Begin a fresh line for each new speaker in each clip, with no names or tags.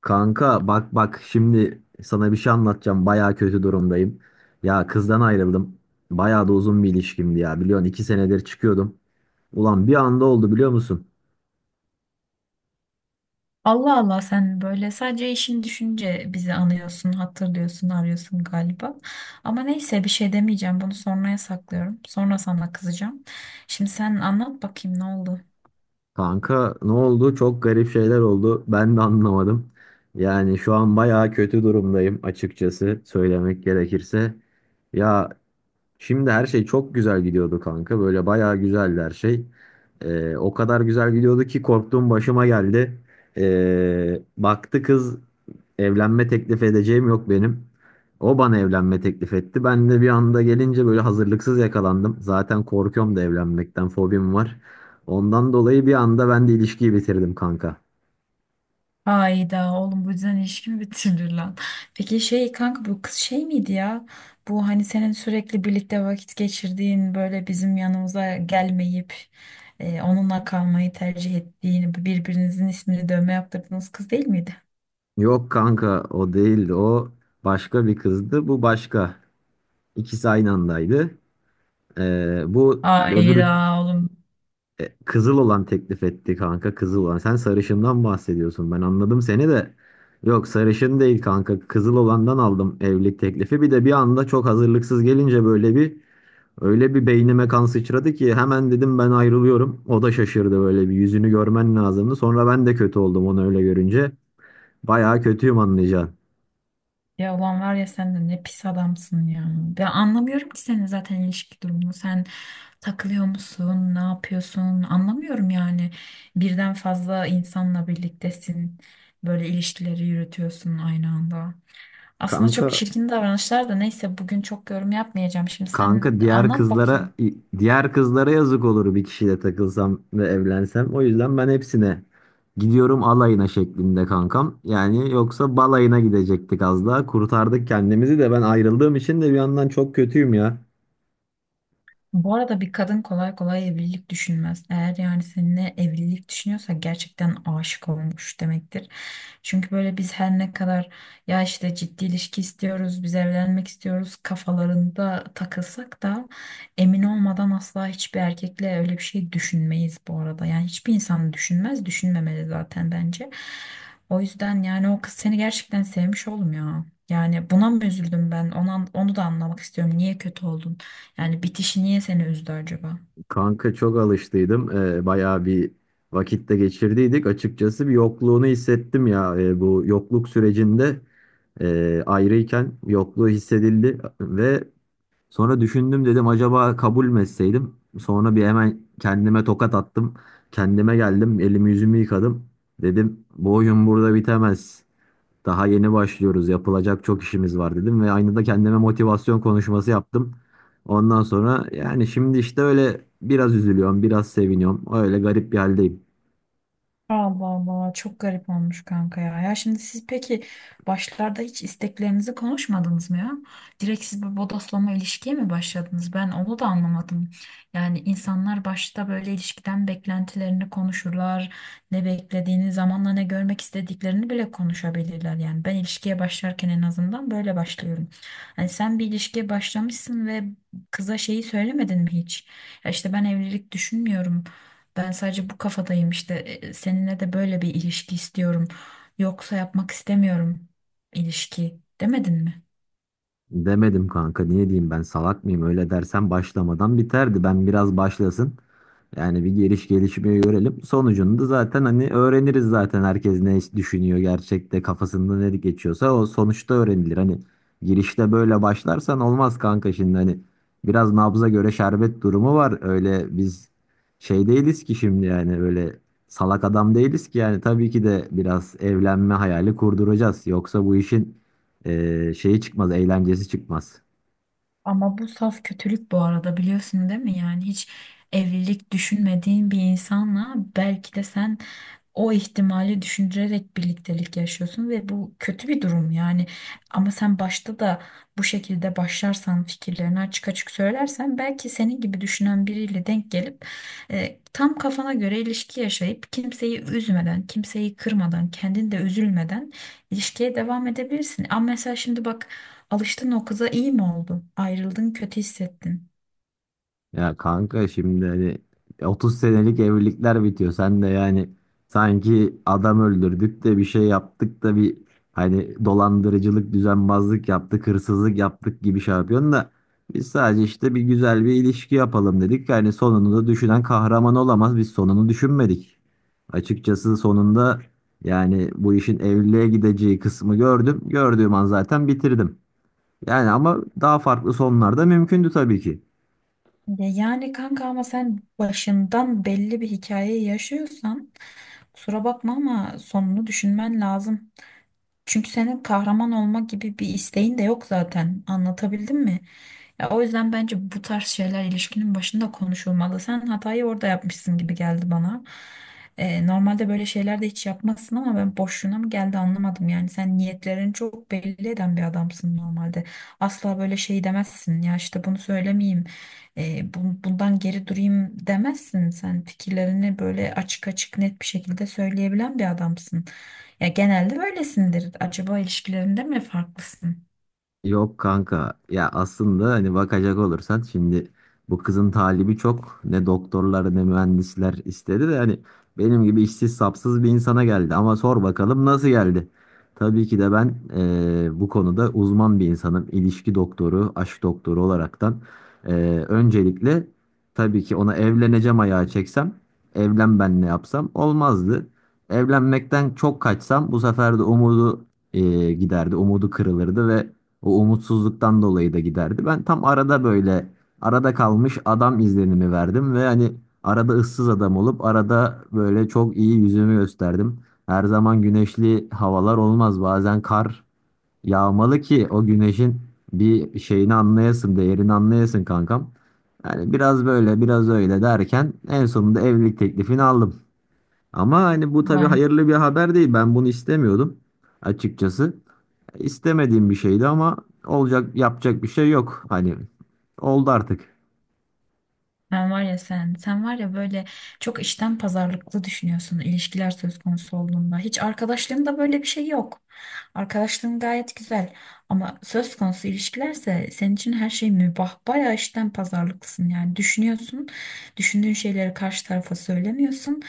Kanka bak bak şimdi sana bir şey anlatacağım. Baya kötü durumdayım. Ya kızdan ayrıldım. Baya da uzun bir ilişkimdi ya. Biliyorsun 2 senedir çıkıyordum. Ulan bir anda oldu biliyor musun?
Allah Allah, sen böyle sadece işini düşünce bizi anıyorsun, hatırlıyorsun, arıyorsun galiba. Ama neyse bir şey demeyeceğim. Bunu sonraya saklıyorum. Sonra sana kızacağım. Şimdi sen anlat bakayım, ne oldu?
Kanka ne oldu? Çok garip şeyler oldu. Ben de anlamadım. Yani şu an baya kötü durumdayım açıkçası söylemek gerekirse. Ya şimdi her şey çok güzel gidiyordu kanka. Böyle baya güzeldi her şey. O kadar güzel gidiyordu ki korktuğum başıma geldi. Baktı kız, evlenme teklif edeceğim yok benim. O bana evlenme teklif etti. Ben de bir anda gelince böyle hazırlıksız yakalandım. Zaten korkuyorum da evlenmekten, fobim var. Ondan dolayı bir anda ben de ilişkiyi bitirdim kanka.
Hayda oğlum, bu yüzden ilişkimi bitirir lan. Peki şey kanka, bu kız şey miydi ya? Bu hani senin sürekli birlikte vakit geçirdiğin, böyle bizim yanımıza gelmeyip onunla kalmayı tercih ettiğin, birbirinizin ismini dövme yaptırdığınız kız değil miydi?
Yok kanka o değildi. O başka bir kızdı. Bu başka. İkisi aynı andaydı. Ee, bu öbürü
Hayda oğlum.
Kızıl olan teklif etti kanka, kızıl olan. Sen sarışından bahsediyorsun. Ben anladım seni de. Yok sarışın değil kanka. Kızıl olandan aldım evlilik teklifi. Bir de bir anda çok hazırlıksız gelince böyle bir öyle bir beynime kan sıçradı ki hemen dedim ben ayrılıyorum. O da şaşırdı, böyle bir yüzünü görmen lazımdı. Sonra ben de kötü oldum onu öyle görünce. Bayağı kötüyüm anlayacaksın.
Ya ulan var ya, sen de ne pis adamsın ya. Ben anlamıyorum ki senin zaten ilişki durumunu. Sen takılıyor musun? Ne yapıyorsun? Anlamıyorum yani. Birden fazla insanla birliktesin. Böyle ilişkileri yürütüyorsun aynı anda. Aslında çok
Kanka
çirkin davranışlar da neyse, bugün çok yorum yapmayacağım. Şimdi sen
Kanka, diğer
anlat
kızlara
bakayım.
diğer kızlara yazık olur bir kişiyle takılsam ve evlensem. O yüzden ben hepsine gidiyorum alayına şeklinde kankam. Yani yoksa balayına gidecektik az daha. Kurtardık kendimizi de ben ayrıldığım için de bir yandan çok kötüyüm ya.
Bu arada bir kadın kolay kolay evlilik düşünmez. Eğer yani seninle evlilik düşünüyorsa gerçekten aşık olmuş demektir. Çünkü böyle biz her ne kadar ya işte ciddi ilişki istiyoruz, biz evlenmek istiyoruz kafalarında takılsak da emin olmadan asla hiçbir erkekle öyle bir şey düşünmeyiz bu arada. Yani hiçbir insan düşünmez, düşünmemeli zaten bence. O yüzden yani o kız seni gerçekten sevmiş oğlum ya. Yani buna mı üzüldüm ben? Ona, onu da anlamak istiyorum. Niye kötü oldun? Yani bitişi niye seni üzdü acaba?
Kanka çok alıştıydım. Bayağı bir vakitte geçirdiydik. Açıkçası bir yokluğunu hissettim ya. Bu yokluk sürecinde, ayrıyken yokluğu hissedildi ve sonra düşündüm, dedim acaba kabul mü etseydim? Sonra bir hemen kendime tokat attım. Kendime geldim, elimi yüzümü yıkadım. Dedim bu oyun burada bitemez. Daha yeni başlıyoruz, yapılacak çok işimiz var dedim ve aynı da kendime motivasyon konuşması yaptım. Ondan sonra yani şimdi işte öyle biraz üzülüyorum, biraz seviniyorum. Öyle garip bir haldeyim.
Allah Allah, çok garip olmuş kanka ya. Ya şimdi siz peki başlarda hiç isteklerinizi konuşmadınız mı ya? Direkt siz bir bodoslama ilişkiye mi başladınız? Ben onu da anlamadım. Yani insanlar başta böyle ilişkiden beklentilerini konuşurlar. Ne beklediğini, zamanla ne görmek istediklerini bile konuşabilirler. Yani ben ilişkiye başlarken en azından böyle başlıyorum. Hani sen bir ilişkiye başlamışsın ve kıza şeyi söylemedin mi hiç? Ya işte ben evlilik düşünmüyorum. Ben sadece bu kafadayım işte, seninle de böyle bir ilişki istiyorum. Yoksa yapmak istemiyorum ilişki demedin mi?
Demedim kanka, niye diyeyim, ben salak mıyım? Öyle dersen başlamadan biterdi. Ben biraz başlasın, yani bir gelişmeyi görelim. Sonucunu da zaten hani öğreniriz zaten, herkes ne düşünüyor gerçekte kafasında ne geçiyorsa o sonuçta öğrenilir. Hani girişte böyle başlarsan olmaz kanka, şimdi hani biraz nabza göre şerbet durumu var. Öyle biz şey değiliz ki şimdi, yani öyle salak adam değiliz ki. Yani tabii ki de biraz evlenme hayali kurduracağız. Yoksa bu işin şeyi çıkmaz, eğlencesi çıkmaz.
Ama bu saf kötülük bu arada, biliyorsun değil mi? Yani hiç evlilik düşünmediğin bir insanla belki de sen o ihtimali düşündürerek birliktelik yaşıyorsun ve bu kötü bir durum yani. Ama sen başta da bu şekilde başlarsan, fikirlerini açık açık söylersen, belki senin gibi düşünen biriyle denk gelip tam kafana göre ilişki yaşayıp, kimseyi üzmeden, kimseyi kırmadan, kendin de üzülmeden ilişkiye devam edebilirsin. Ama mesela şimdi bak, alıştın o kıza, iyi mi oldu? Ayrıldın, kötü hissettin.
Ya kanka şimdi hani 30 senelik evlilikler bitiyor. Sen de yani sanki adam öldürdük de bir şey yaptık da, bir hani dolandırıcılık, düzenbazlık yaptık, hırsızlık yaptık gibi şey yapıyorsun da biz sadece işte bir güzel bir ilişki yapalım dedik. Yani sonunu da düşünen kahraman olamaz. Biz sonunu düşünmedik. Açıkçası sonunda yani bu işin evliliğe gideceği kısmı gördüm. Gördüğüm an zaten bitirdim. Yani ama daha farklı sonlar da mümkündü tabii ki.
Ya yani kanka, ama sen başından belli bir hikayeyi yaşıyorsan kusura bakma ama sonunu düşünmen lazım. Çünkü senin kahraman olma gibi bir isteğin de yok zaten. Anlatabildim mi? Ya o yüzden bence bu tarz şeyler ilişkinin başında konuşulmalı. Sen hatayı orada yapmışsın gibi geldi bana. Normalde böyle şeyler de hiç yapmazsın ama ben, boşluğuna mı geldi, anlamadım. Yani sen niyetlerini çok belli eden bir adamsın normalde. Asla böyle şey demezsin. Ya işte bunu söylemeyeyim, bundan geri durayım demezsin. Sen fikirlerini böyle açık açık net bir şekilde söyleyebilen bir adamsın. Ya genelde böylesindir. Acaba ilişkilerinde mi farklısın?
Yok kanka ya, aslında hani bakacak olursan şimdi bu kızın talibi çok, ne doktorlar ne mühendisler istedi de hani benim gibi işsiz sapsız bir insana geldi, ama sor bakalım nasıl geldi. Tabii ki de ben bu konuda uzman bir insanım, ilişki doktoru, aşk doktoru olaraktan. Öncelikle tabii ki ona evleneceğim ayağı çeksem, evlen ben ne yapsam olmazdı. Evlenmekten çok kaçsam bu sefer de umudu giderdi, umudu kırılırdı ve o umutsuzluktan dolayı da giderdi. Ben tam arada böyle arada kalmış adam izlenimi verdim ve hani arada ıssız adam olup arada böyle çok iyi yüzümü gösterdim. Her zaman güneşli havalar olmaz. Bazen kar yağmalı ki o güneşin bir şeyini anlayasın, değerini anlayasın kankam. Yani biraz böyle biraz öyle derken en sonunda evlilik teklifini aldım. Ama hani bu tabii
Ulan
hayırlı bir haber değil. Ben bunu istemiyordum açıkçası. İstemediğim bir şeydi ama olacak, yapacak bir şey yok. Hani oldu artık.
sen var ya, sen var ya, böyle çok işten pazarlıklı düşünüyorsun ilişkiler söz konusu olduğunda. Hiç arkadaşlığında böyle bir şey yok. Arkadaşlığın gayet güzel ama söz konusu ilişkilerse senin için her şey mübah. Bayağı işten pazarlıklısın yani, düşünüyorsun, düşündüğün şeyleri karşı tarafa söylemiyorsun.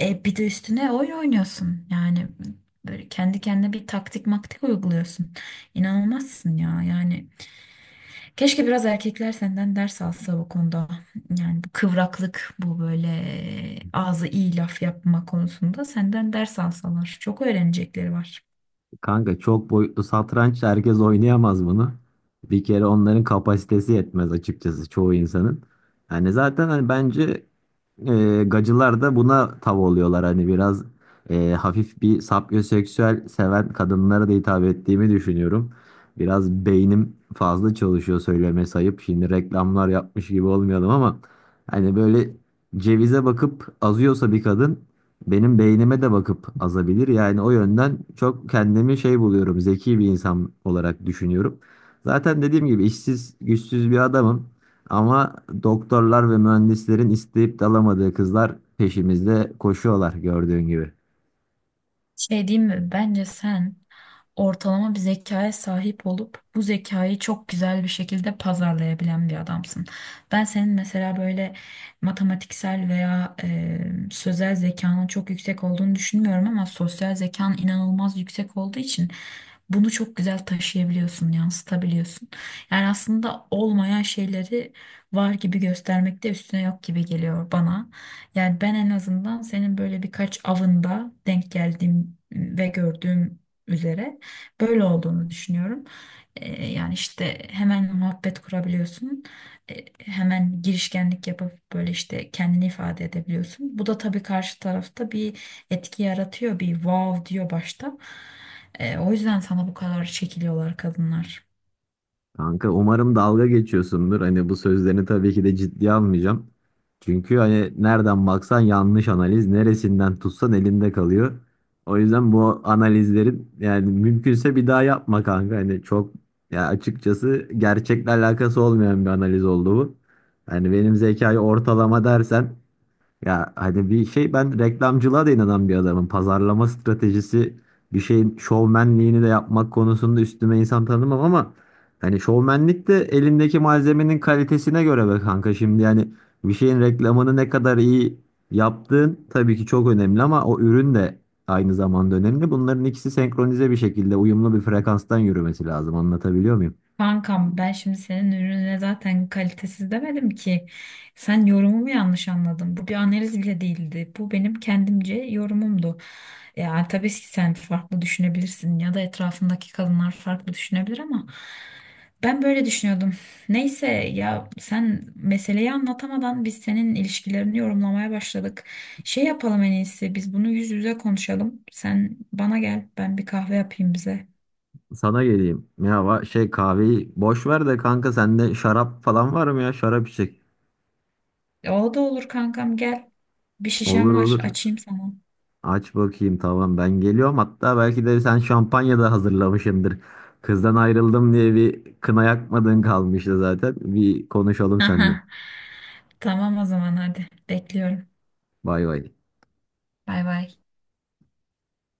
Bir de üstüne oyun oynuyorsun yani, böyle kendi kendine bir taktik maktik uyguluyorsun. İnanılmazsın ya yani. Keşke biraz erkekler senden ders alsa bu konuda. Yani bu kıvraklık, bu böyle ağzı iyi laf yapma konusunda senden ders alsalar. Çok öğrenecekleri var.
Kanka çok boyutlu satranç, herkes oynayamaz bunu. Bir kere onların kapasitesi yetmez açıkçası, çoğu insanın. Hani zaten hani bence gacılar da buna tav oluyorlar. Hani biraz hafif bir sapyoseksüel seven kadınlara da hitap ettiğimi düşünüyorum. Biraz beynim fazla çalışıyor, söyleme sayıp şimdi reklamlar yapmış gibi olmayalım ama hani böyle cevize bakıp azıyorsa bir kadın, benim beynime de bakıp azabilir. Yani o yönden çok kendimi şey buluyorum, zeki bir insan olarak düşünüyorum. Zaten dediğim gibi işsiz, güçsüz bir adamım. Ama doktorlar ve mühendislerin isteyip de alamadığı kızlar peşimizde koşuyorlar gördüğün gibi.
Şey diyeyim mi? Bence sen ortalama bir zekaya sahip olup bu zekayı çok güzel bir şekilde pazarlayabilen bir adamsın. Ben senin mesela böyle matematiksel veya sözel zekanın çok yüksek olduğunu düşünmüyorum ama sosyal zekan inanılmaz yüksek olduğu için bunu çok güzel taşıyabiliyorsun, yansıtabiliyorsun. Yani aslında olmayan şeyleri var gibi göstermek de üstüne yok gibi geliyor bana. Yani ben en azından senin böyle birkaç avında denk geldiğim ve gördüğüm üzere böyle olduğunu düşünüyorum. Yani işte hemen muhabbet kurabiliyorsun. Hemen girişkenlik yapıp böyle işte kendini ifade edebiliyorsun. Bu da tabii karşı tarafta bir etki yaratıyor. Bir wow diyor başta. O yüzden sana bu kadar çekiliyorlar kadınlar.
Kanka umarım dalga geçiyorsundur. Hani bu sözlerini tabii ki de ciddiye almayacağım. Çünkü hani nereden baksan yanlış analiz, neresinden tutsan elinde kalıyor. O yüzden bu analizlerin, yani mümkünse bir daha yapma kanka. Hani çok, ya açıkçası gerçekle alakası olmayan bir analiz oldu bu. Yani benim zekayı ortalama dersen, ya hani bir şey, ben reklamcılığa da inanan bir adamım. Pazarlama stratejisi, bir şeyin şovmenliğini de yapmak konusunda üstüme insan tanımam ama hani şovmenlik de elindeki malzemenin kalitesine göre be kanka. Şimdi yani bir şeyin reklamını ne kadar iyi yaptığın tabii ki çok önemli ama o ürün de aynı zamanda önemli. Bunların ikisi senkronize bir şekilde uyumlu bir frekanstan yürümesi lazım. Anlatabiliyor muyum?
Kankam, ben şimdi senin ürününe zaten kalitesiz demedim ki. Sen yorumumu yanlış anladın. Bu bir analiz bile değildi. Bu benim kendimce yorumumdu. Ya tabii ki sen farklı düşünebilirsin ya da etrafındaki kadınlar farklı düşünebilir ama ben böyle düşünüyordum. Neyse ya, sen meseleyi anlatamadan biz senin ilişkilerini yorumlamaya başladık. Şey yapalım, en iyisi biz bunu yüz yüze konuşalım. Sen bana gel, ben bir kahve yapayım bize.
Sana geleyim. Ya şey, kahveyi boş ver de kanka, sende şarap falan var mı ya? Şarap içecek.
O da olur kankam, gel. Bir
Olur
şişem var,
olur.
açayım sana.
Aç bakayım, tamam ben geliyorum. Hatta belki de sen şampanya da hazırlamışsındır. Kızdan ayrıldım diye bir kına yakmadığın kalmıştı zaten. Bir konuşalım seninle.
Tamam o zaman, hadi bekliyorum.
Bay bay.
Bay bay.